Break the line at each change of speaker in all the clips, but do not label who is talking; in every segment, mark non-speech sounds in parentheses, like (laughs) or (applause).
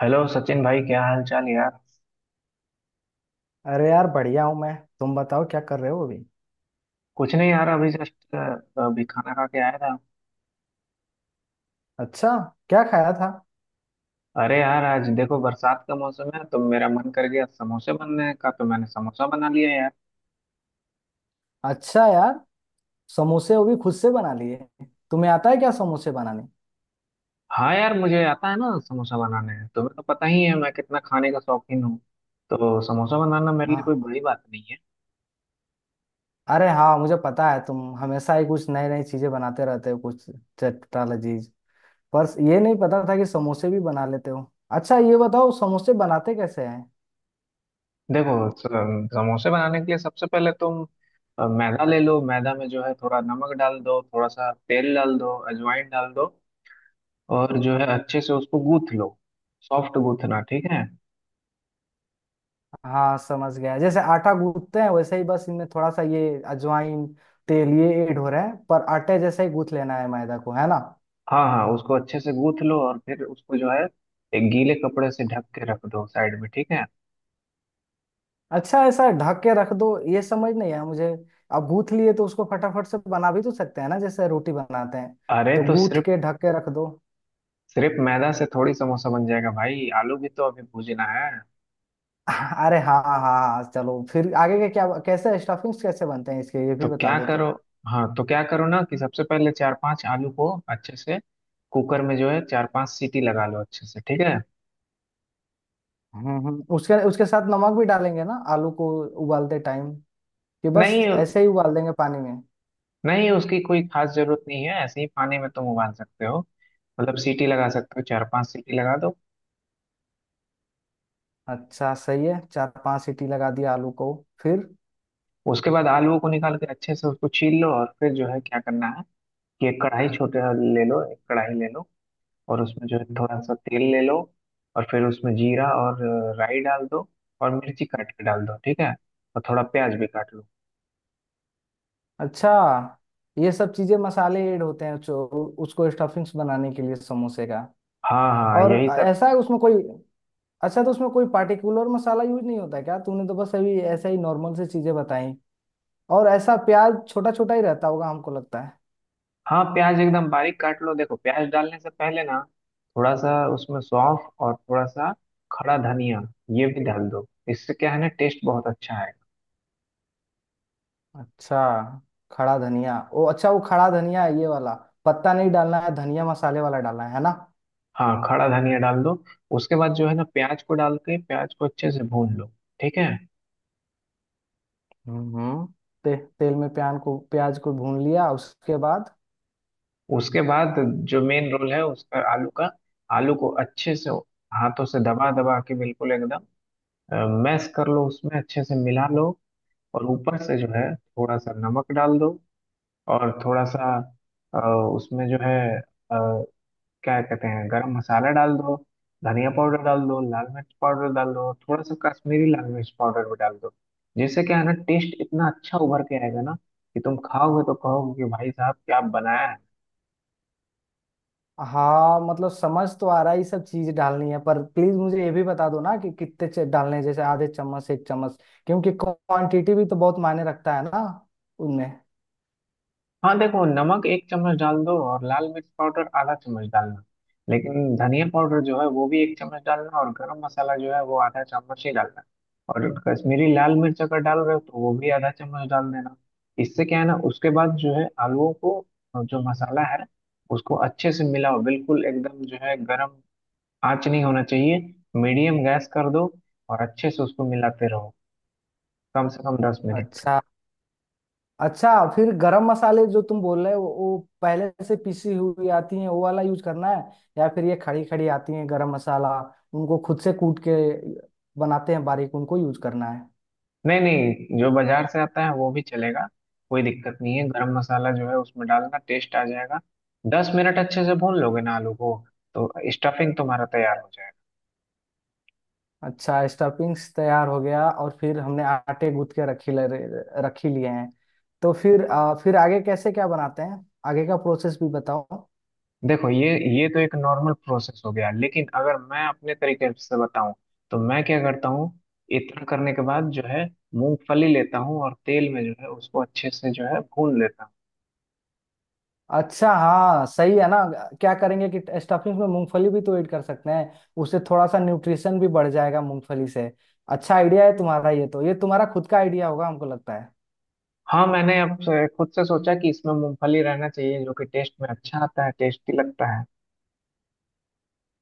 Hello Sachin भाई, क्या हाल चाल यार।
अरे यार बढ़िया हूँ मैं। तुम बताओ क्या कर रहे हो अभी।
कुछ नहीं यार, अभी जस्ट अभी खाना खा के आया था।
अच्छा, क्या खाया था?
अरे यार, आज देखो बरसात का मौसम है तो मेरा मन कर गया समोसे बनने का, तो मैंने समोसा बना लिया यार।
अच्छा यार, समोसे वो भी खुद से बना लिए। तुम्हें आता है क्या समोसे बनाने?
हाँ यार, मुझे आता है ना समोसा बनाने, तुम्हें तो पता ही है मैं कितना खाने का शौकीन हूँ। तो समोसा बनाना मेरे लिए कोई
हाँ।
बड़ी बात नहीं है।
अरे हाँ, मुझे पता है तुम हमेशा ही कुछ नई नई चीजें बनाते रहते हो, कुछ चटपटा लजीज। पर ये नहीं पता था कि समोसे भी बना लेते हो। अच्छा ये बताओ समोसे बनाते कैसे हैं?
देखो, समोसे बनाने के लिए सबसे पहले तुम मैदा ले लो। मैदा में जो है थोड़ा नमक डाल दो, थोड़ा सा तेल डाल दो, अजवाइन डाल दो, और जो है अच्छे से उसको गूथ लो। सॉफ्ट गूथना, ठीक है।
हाँ समझ गया, जैसे आटा गूंथते हैं वैसे ही, बस इनमें थोड़ा सा ये अजवाइन, तेल ये ऐड हो रहे हैं, पर आटे जैसे ही गूंथ लेना है मैदा को, है ना?
हाँ हाँ, उसको अच्छे से गूथ लो और फिर उसको जो है एक गीले कपड़े से ढक के रख दो साइड में, ठीक है।
अच्छा, ऐसा ढक के रख दो? ये समझ नहीं आया मुझे। अब गूथ लिए तो उसको फटाफट से बना भी तो सकते हैं ना, जैसे रोटी बनाते हैं।
अरे
तो
तो
गूथ
सिर्फ
के ढक के रख दो।
सिर्फ मैदा से थोड़ी समोसा बन जाएगा भाई, आलू भी तो अभी भूजना है।
(laughs) अरे हाँ हाँ हाँ, चलो फिर आगे के क्या, कैसे स्टफिंग्स कैसे बनते हैं इसके, ये
तो
भी बता
क्या
दो
करो,
तो।
हाँ तो क्या करो ना, कि सबसे पहले चार पांच आलू को अच्छे से कुकर में जो है चार पांच सीटी लगा लो अच्छे से, ठीक है।
हम्म, उसके उसके साथ नमक भी डालेंगे ना आलू को, उबालते टाइम? कि बस
नहीं
ऐसे ही उबाल देंगे पानी में?
नहीं, उसकी कोई खास जरूरत नहीं है, ऐसे ही पानी में तुम उबाल सकते हो। मतलब सीटी लगा सकते हो, चार पांच सीटी लगा दो।
अच्छा सही है, चार पांच सीटी लगा दिया आलू को। फिर?
उसके बाद आलू को निकाल के अच्छे से उसको छील लो, और फिर जो है क्या करना है कि एक कढ़ाई छोटे ले लो। एक कढ़ाई ले लो और उसमें जो है थोड़ा सा तेल ले लो, और फिर उसमें जीरा और राई डाल दो, और मिर्ची काट के डाल दो, ठीक है। और थोड़ा प्याज भी काट लो।
अच्छा, ये सब चीजें मसाले ऐड होते हैं जो, उसको स्टफिंग्स बनाने के लिए समोसे का।
हाँ हाँ,
और
यही सब।
ऐसा है उसमें कोई, अच्छा तो उसमें कोई पार्टिकुलर मसाला यूज नहीं होता क्या? तूने तो बस अभी ऐसा ही नॉर्मल से चीजें बताई। और ऐसा प्याज छोटा छोटा ही रहता होगा, हमको लगता है।
हाँ, प्याज एकदम बारीक काट लो। देखो, प्याज डालने से पहले ना थोड़ा सा उसमें सौंफ और थोड़ा सा खड़ा धनिया ये भी डाल दो, इससे क्या है ना टेस्ट बहुत अच्छा है।
अच्छा। खड़ा धनिया, ओ अच्छा, वो खड़ा धनिया है ये वाला। पत्ता नहीं डालना है धनिया, मसाले वाला डालना है ना?
हाँ, खड़ा धनिया डाल दो। उसके बाद जो है ना, प्याज को डाल के प्याज को अच्छे से भून लो, ठीक है।
हम्म हम्म, तेल में प्यान को प्याज को भून लिया, उसके बाद?
उसके बाद जो मेन रोल है उसका, आलू का। आलू को अच्छे से हाथों से दबा दबा के बिल्कुल एकदम मैश कर लो, उसमें अच्छे से मिला लो। और ऊपर से जो है थोड़ा सा नमक डाल दो, और थोड़ा सा अ, उसमें जो है क्या कहते हैं गरम मसाला डाल दो, धनिया पाउडर डाल दो, लाल मिर्च पाउडर डाल दो, थोड़ा सा कश्मीरी लाल मिर्च पाउडर भी डाल दो। जिससे क्या है ना, टेस्ट इतना अच्छा उभर के आएगा ना, कि तुम खाओगे तो कहोगे कि भाई साहब क्या बनाया है।
हाँ मतलब समझ तो आ रहा है ये सब चीज डालनी है, पर प्लीज मुझे ये भी बता दो ना कि कितने डालने हैं, जैसे आधे चम्मच, एक चम्मच। क्योंकि क्वांटिटी भी तो बहुत मायने रखता है ना उनमें।
हाँ देखो, नमक 1 चम्मच डाल दो, और लाल मिर्च पाउडर आधा चम्मच डालना। लेकिन धनिया पाउडर जो है वो भी 1 चम्मच डालना, और गरम मसाला जो है वो आधा चम्मच ही डालना। और कश्मीरी लाल मिर्च अगर डाल रहे हो तो वो भी आधा चम्मच डाल देना। इससे क्या है ना, उसके बाद जो है आलूओं को जो मसाला है उसको अच्छे से मिलाओ। बिल्कुल एकदम जो है गरम आंच नहीं होना चाहिए, मीडियम गैस कर दो और अच्छे से उसको मिलाते रहो कम से कम 10 मिनट।
अच्छा। अच्छा। फिर गरम मसाले जो तुम बोल रहे हो, वो पहले से पिसी हुई आती हैं वो वाला यूज करना है, या फिर ये खड़ी खड़ी आती हैं गरम मसाला, उनको खुद से कूट के बनाते हैं बारीक, उनको यूज करना है?
नहीं नहीं, जो बाजार से आता है वो भी चलेगा, कोई दिक्कत नहीं है। गरम मसाला जो है उसमें डालना, टेस्ट आ जाएगा। 10 मिनट अच्छे से भून लोगे ना आलू को, तो स्टफिंग तुम्हारा तैयार हो जाएगा।
अच्छा, स्टफिंग्स तैयार हो गया, और फिर हमने आटे गूंथ के रखी लिए हैं। तो फिर फिर आगे कैसे क्या बनाते हैं, आगे का प्रोसेस भी बताओ।
देखो ये तो एक नॉर्मल प्रोसेस हो गया, लेकिन अगर मैं अपने तरीके से बताऊं तो मैं क्या करता हूँ। इतना करने के बाद जो है मूंगफली लेता हूँ और तेल में जो है उसको अच्छे से जो है भून लेता हूँ।
अच्छा हाँ, सही है ना। क्या करेंगे कि स्टफिंग में मूंगफली भी तो ऐड कर सकते हैं, उससे थोड़ा सा न्यूट्रिशन भी बढ़ जाएगा मूंगफली से। अच्छा आइडिया है तुम्हारा ये तो, ये तुम्हारा खुद का आइडिया होगा, हमको लगता है।
हाँ, मैंने अब खुद से सोचा कि इसमें मूंगफली रहना चाहिए, जो कि टेस्ट में अच्छा आता है, टेस्टी लगता है।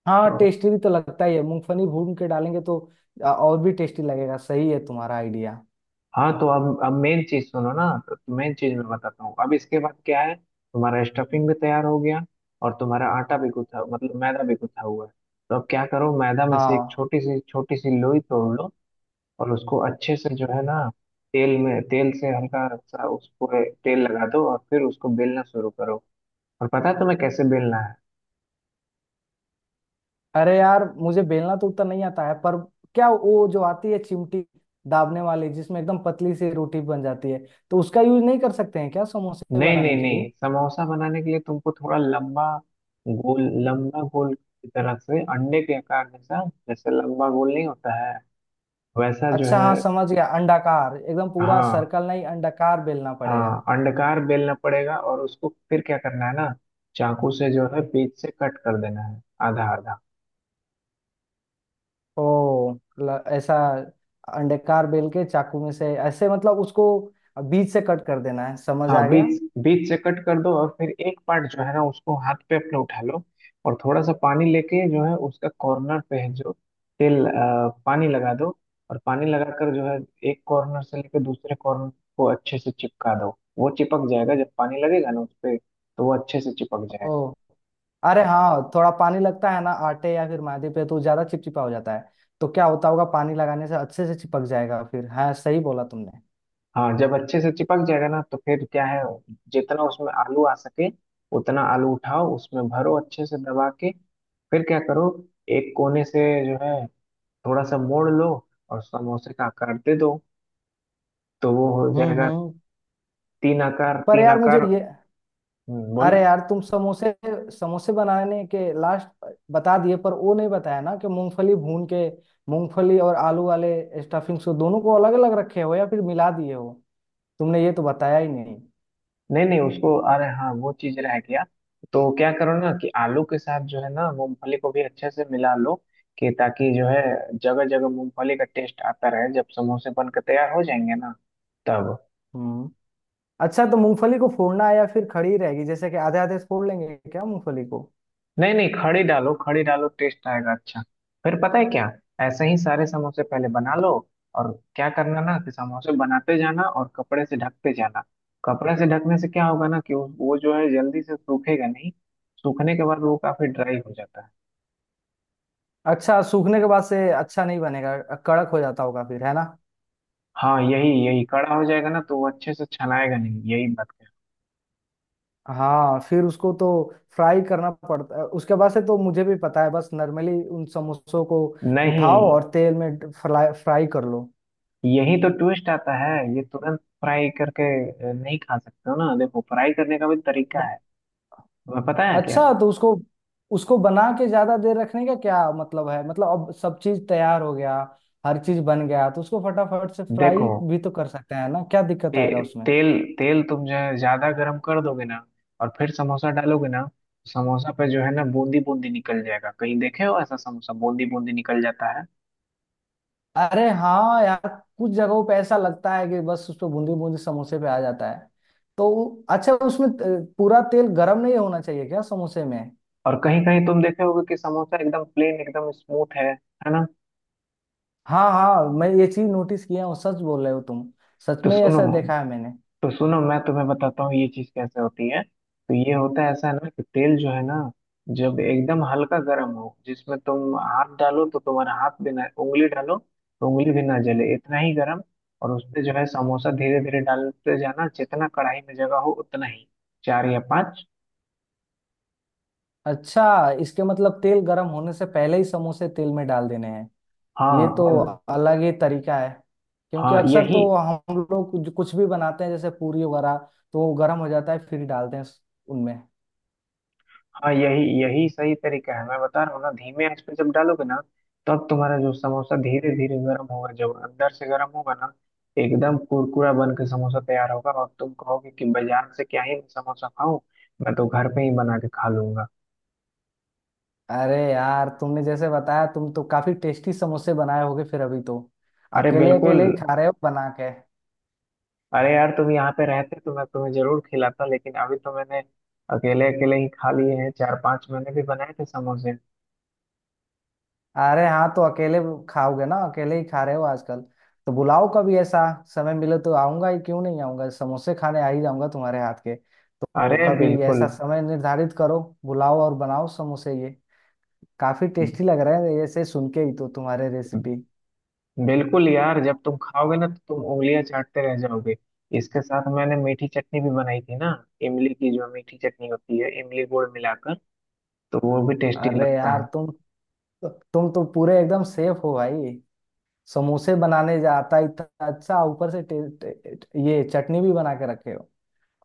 हाँ
तो
टेस्टी भी तो लगता ही है मूंगफली भून के डालेंगे तो, और भी टेस्टी लगेगा, सही है तुम्हारा आइडिया।
हाँ, तो अब मेन चीज सुनो ना। तो मेन चीज मैं बताता हूँ अब, इसके बाद क्या है, तुम्हारा स्टफिंग भी तैयार हो गया और तुम्हारा आटा भी गूथा, मतलब मैदा भी गूथा हुआ है। तो अब क्या करो, मैदा में से एक
हाँ।
छोटी सी लोई तोड़ लो, और उसको अच्छे से जो है ना तेल में तेल से हल्का सा उसको तेल लगा दो, और फिर उसको बेलना शुरू करो। और पता है तुम्हें कैसे बेलना है।
अरे यार मुझे बेलना तो उतना नहीं आता है, पर क्या वो जो आती है चिमटी, दाबने वाली, जिसमें एकदम पतली सी रोटी बन जाती है, तो उसका यूज नहीं कर सकते हैं क्या समोसे
नहीं नहीं
बनाने के लिए?
नहीं, समोसा बनाने के लिए तुमको थोड़ा लंबा गोल, लंबा गोल की तरह से, अंडे के आकार जैसा, जैसे लंबा गोल नहीं होता है वैसा जो
अच्छा
है।
हाँ समझ गया, अंडाकार, एकदम पूरा
हाँ
सर्कल नहीं, अंडाकार बेलना पड़ेगा।
हाँ, अंडाकार बेलना पड़ेगा और उसको फिर क्या करना है ना, चाकू से जो है बीच से कट कर देना है, आधा आधा।
ओ, ऐसा, अंडाकार बेल के चाकू में से ऐसे मतलब उसको बीच से कट कर देना है, समझ
हाँ,
आ गया।
बीच बीच से कट कर दो, और फिर एक पार्ट जो है ना उसको हाथ पे अपने उठा लो, और थोड़ा सा पानी लेके जो है उसका कॉर्नर पे है जो तेल पानी लगा दो। और पानी लगाकर जो है एक कॉर्नर से लेकर दूसरे कॉर्नर को अच्छे से चिपका दो। वो चिपक जाएगा, जब पानी लगेगा ना उस पे तो वो अच्छे से चिपक जाएगा।
ओ, अरे हाँ, थोड़ा पानी लगता है ना आटे या फिर मैदे पे तो ज्यादा चिपचिपा हो जाता है, तो क्या होता होगा, पानी लगाने से अच्छे से चिपक जाएगा फिर। हाँ सही बोला तुमने।
हाँ, जब अच्छे से चिपक जाएगा ना, तो फिर क्या है जितना उसमें आलू आ सके उतना आलू उठाओ, उसमें भरो अच्छे से दबा के। फिर क्या करो, एक कोने से जो है थोड़ा सा मोड़ लो और समोसे का आकार दे दो, तो वो हो जाएगा।
हम्म।
तीन आकार,
पर
तीन
यार मुझे
आकार।
ये,
बोलो।
अरे यार तुम समोसे समोसे बनाने के लास्ट बता दिए, पर वो नहीं बताया ना कि मूंगफली भून के, मूंगफली और आलू वाले स्टफिंग से दोनों को अलग अलग रखे हो या फिर मिला दिए हो, तुमने ये तो बताया ही नहीं।
नहीं नहीं, उसको, अरे हाँ वो चीज रह गया। तो क्या करो ना, कि आलू के साथ जो है ना मूंगफली को भी अच्छे से मिला लो, कि ताकि जो है जगह जगह मूंगफली का टेस्ट आता रहे, जब समोसे बन के तैयार हो जाएंगे ना, तब।
हम्म। अच्छा तो मूंगफली को फोड़ना है या फिर खड़ी रहेगी, जैसे कि आधे आधे फोड़ लेंगे क्या मूंगफली को?
नहीं नहीं, खड़ी डालो, खड़ी डालो, टेस्ट आएगा अच्छा। फिर पता है क्या, ऐसे ही सारे समोसे पहले बना लो, और क्या करना ना, कि समोसे बनाते जाना और कपड़े से ढकते जाना। कपड़े से ढकने से क्या होगा ना, कि वो जो है जल्दी से सूखेगा नहीं। सूखने के बाद वो काफी ड्राई हो जाता है।
अच्छा, सूखने के बाद से अच्छा नहीं बनेगा, कड़क हो जाता होगा फिर, है ना?
हाँ, यही यही कड़ा हो जाएगा ना, तो वो अच्छे से छनाएगा नहीं, यही बात है।
हाँ फिर उसको तो फ्राई करना पड़ता है उसके बाद से, तो मुझे भी पता है, बस नॉर्मली उन समोसों को उठाओ
नहीं,
और तेल में फ्राई फ्राई कर लो।
यही तो ट्विस्ट आता है, ये तुरंत फ्राई करके नहीं खा सकते हो ना। देखो, फ्राई करने का भी तरीका
अ-
है, तुम्हें पता है क्या।
अच्छा तो उसको, उसको बना के ज्यादा देर रखने का क्या मतलब है? मतलब अब सब चीज तैयार हो गया, हर चीज बन गया, तो उसको फटाफट से
देखो,
फ्राई भी तो कर सकते हैं ना, क्या दिक्कत आएगा
ते,
उसमें?
तेल तेल तुम जो है ज्यादा गर्म कर दोगे ना, और फिर समोसा डालोगे ना, समोसा पे जो है ना बूंदी बूंदी निकल जाएगा। कहीं देखे हो ऐसा, समोसा बूंदी बूंदी निकल जाता है।
अरे हाँ यार, कुछ जगहों पे ऐसा लगता है कि बस उस पर बूंदी बूंदी समोसे पे आ जाता है, तो अच्छा उसमें पूरा तेल गर्म नहीं होना चाहिए क्या समोसे में?
और कहीं कहीं तुम देखे होगे कि समोसा एकदम प्लेन, एकदम स्मूथ है ना।
हाँ हाँ, मैं ये चीज नोटिस किया हूँ, सच बोल रहे हो तुम, सच
तो
में
सुनो,
ऐसा देखा है मैंने।
तो सुनो मैं तुम्हें बताता हूँ ये चीज कैसे होती है। तो ये होता है ऐसा है ना, कि तेल जो है ना, जब एकदम हल्का गर्म हो, जिसमें तुम हाथ डालो तो तुम्हारा हाथ भी ना, उंगली डालो तो उंगली भी ना जले, इतना ही गर्म। और उसमें जो है समोसा धीरे धीरे डालते जाना, जितना कढ़ाई में जगह हो उतना ही, चार या पांच।
अच्छा इसके मतलब तेल गर्म होने से पहले ही समोसे तेल में डाल देने हैं? ये
हाँ
तो
और
अलग ही तरीका है, क्योंकि
हाँ
अक्सर
यही
तो हम लोग कुछ कुछ भी बनाते हैं जैसे पूरी वगैरह, तो वो गर्म हो जाता है फिर डालते हैं उनमें।
हाँ यही यही सही तरीका है, मैं बता रहा हूँ ना, धीमे आंच पे जब डालोगे ना, तब तुम्हारा जो समोसा धीरे धीरे गर्म होगा, जब अंदर से गर्म होगा ना, एकदम कुरकुरा बन के समोसा तैयार होगा, और तुम कहोगे कि बाजार से क्या ही मैं समोसा खाऊं, मैं तो घर पे ही बना के खा लूंगा।
अरे यार तुमने जैसे बताया, तुम तो काफी टेस्टी समोसे बनाए होगे फिर, अभी तो
अरे
अकेले
बिल्कुल।
अकेले ही खा रहे हो बना के।
अरे यार, तुम यहाँ पे रहते तो मैं तुम्हें जरूर खिलाता, लेकिन अभी तो मैंने अकेले अकेले ही खा लिए हैं। चार पांच मैंने भी बनाए थे समोसे।
अरे हाँ तो अकेले खाओगे ना, अकेले ही खा रहे हो आजकल, तो बुलाओ कभी। ऐसा समय मिले तो आऊंगा ही, क्यों नहीं आऊंगा, समोसे खाने आ ही जाऊंगा तुम्हारे हाथ के, तो
अरे
कभी
बिल्कुल,
ऐसा समय निर्धारित करो, बुलाओ और बनाओ समोसे, ये काफी टेस्टी लग रहे हैं ऐसे सुन के ही तो, तुम्हारे रेसिपी।
बिल्कुल यार, जब तुम खाओगे ना तो तुम उंगलियां चाटते रह जाओगे। इसके साथ मैंने मीठी चटनी भी बनाई थी ना, इमली की जो मीठी चटनी होती है, इमली गुड़ मिलाकर, तो वो भी टेस्टी
अरे
लगता
यार
है।
तुम, तुम तो पूरे एकदम सेफ हो भाई, समोसे बनाने जाता इतना अच्छा, ऊपर से टे, टे, टे- ये चटनी भी बना के रखे हो।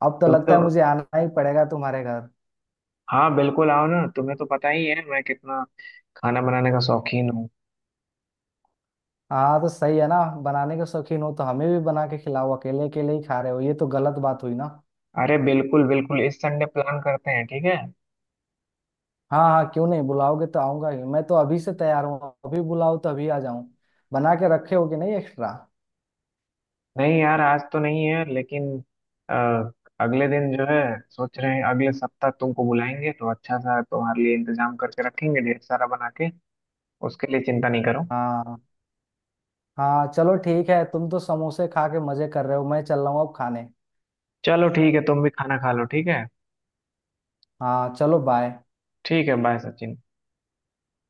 अब तो
तुम तो,
लगता है मुझे आना ही पड़ेगा तुम्हारे घर।
हाँ बिल्कुल, आओ ना, तुम्हें तो पता ही है मैं कितना खाना बनाने का शौकीन हूँ।
हाँ तो सही है ना, बनाने के शौकीन हो तो हमें भी बना के खिलाओ, अकेले अकेले ही खा रहे हो ये तो गलत बात हुई ना।
अरे बिल्कुल बिल्कुल, इस संडे प्लान करते हैं, ठीक है।
हाँ हाँ, क्यों नहीं, बुलाओगे तो आऊंगा ही, मैं तो अभी से तैयार हूँ, अभी बुलाओ तो अभी आ जाऊं, बना के रखे हो कि नहीं एक्स्ट्रा?
नहीं यार, आज तो नहीं है लेकिन अ, अगले दिन जो है सोच रहे हैं अगले सप्ताह तुमको बुलाएंगे, तो अच्छा सा तुम्हारे लिए इंतजाम करके रखेंगे, ढेर सारा बना के। उसके लिए चिंता नहीं करो।
हाँ हाँ चलो ठीक है, तुम तो समोसे खा के मजे कर रहे हो, मैं चल रहा हूँ अब खाने।
चलो ठीक है, तुम भी खाना खा लो, ठीक है।
हाँ चलो बाय।
ठीक है, बाय सचिन।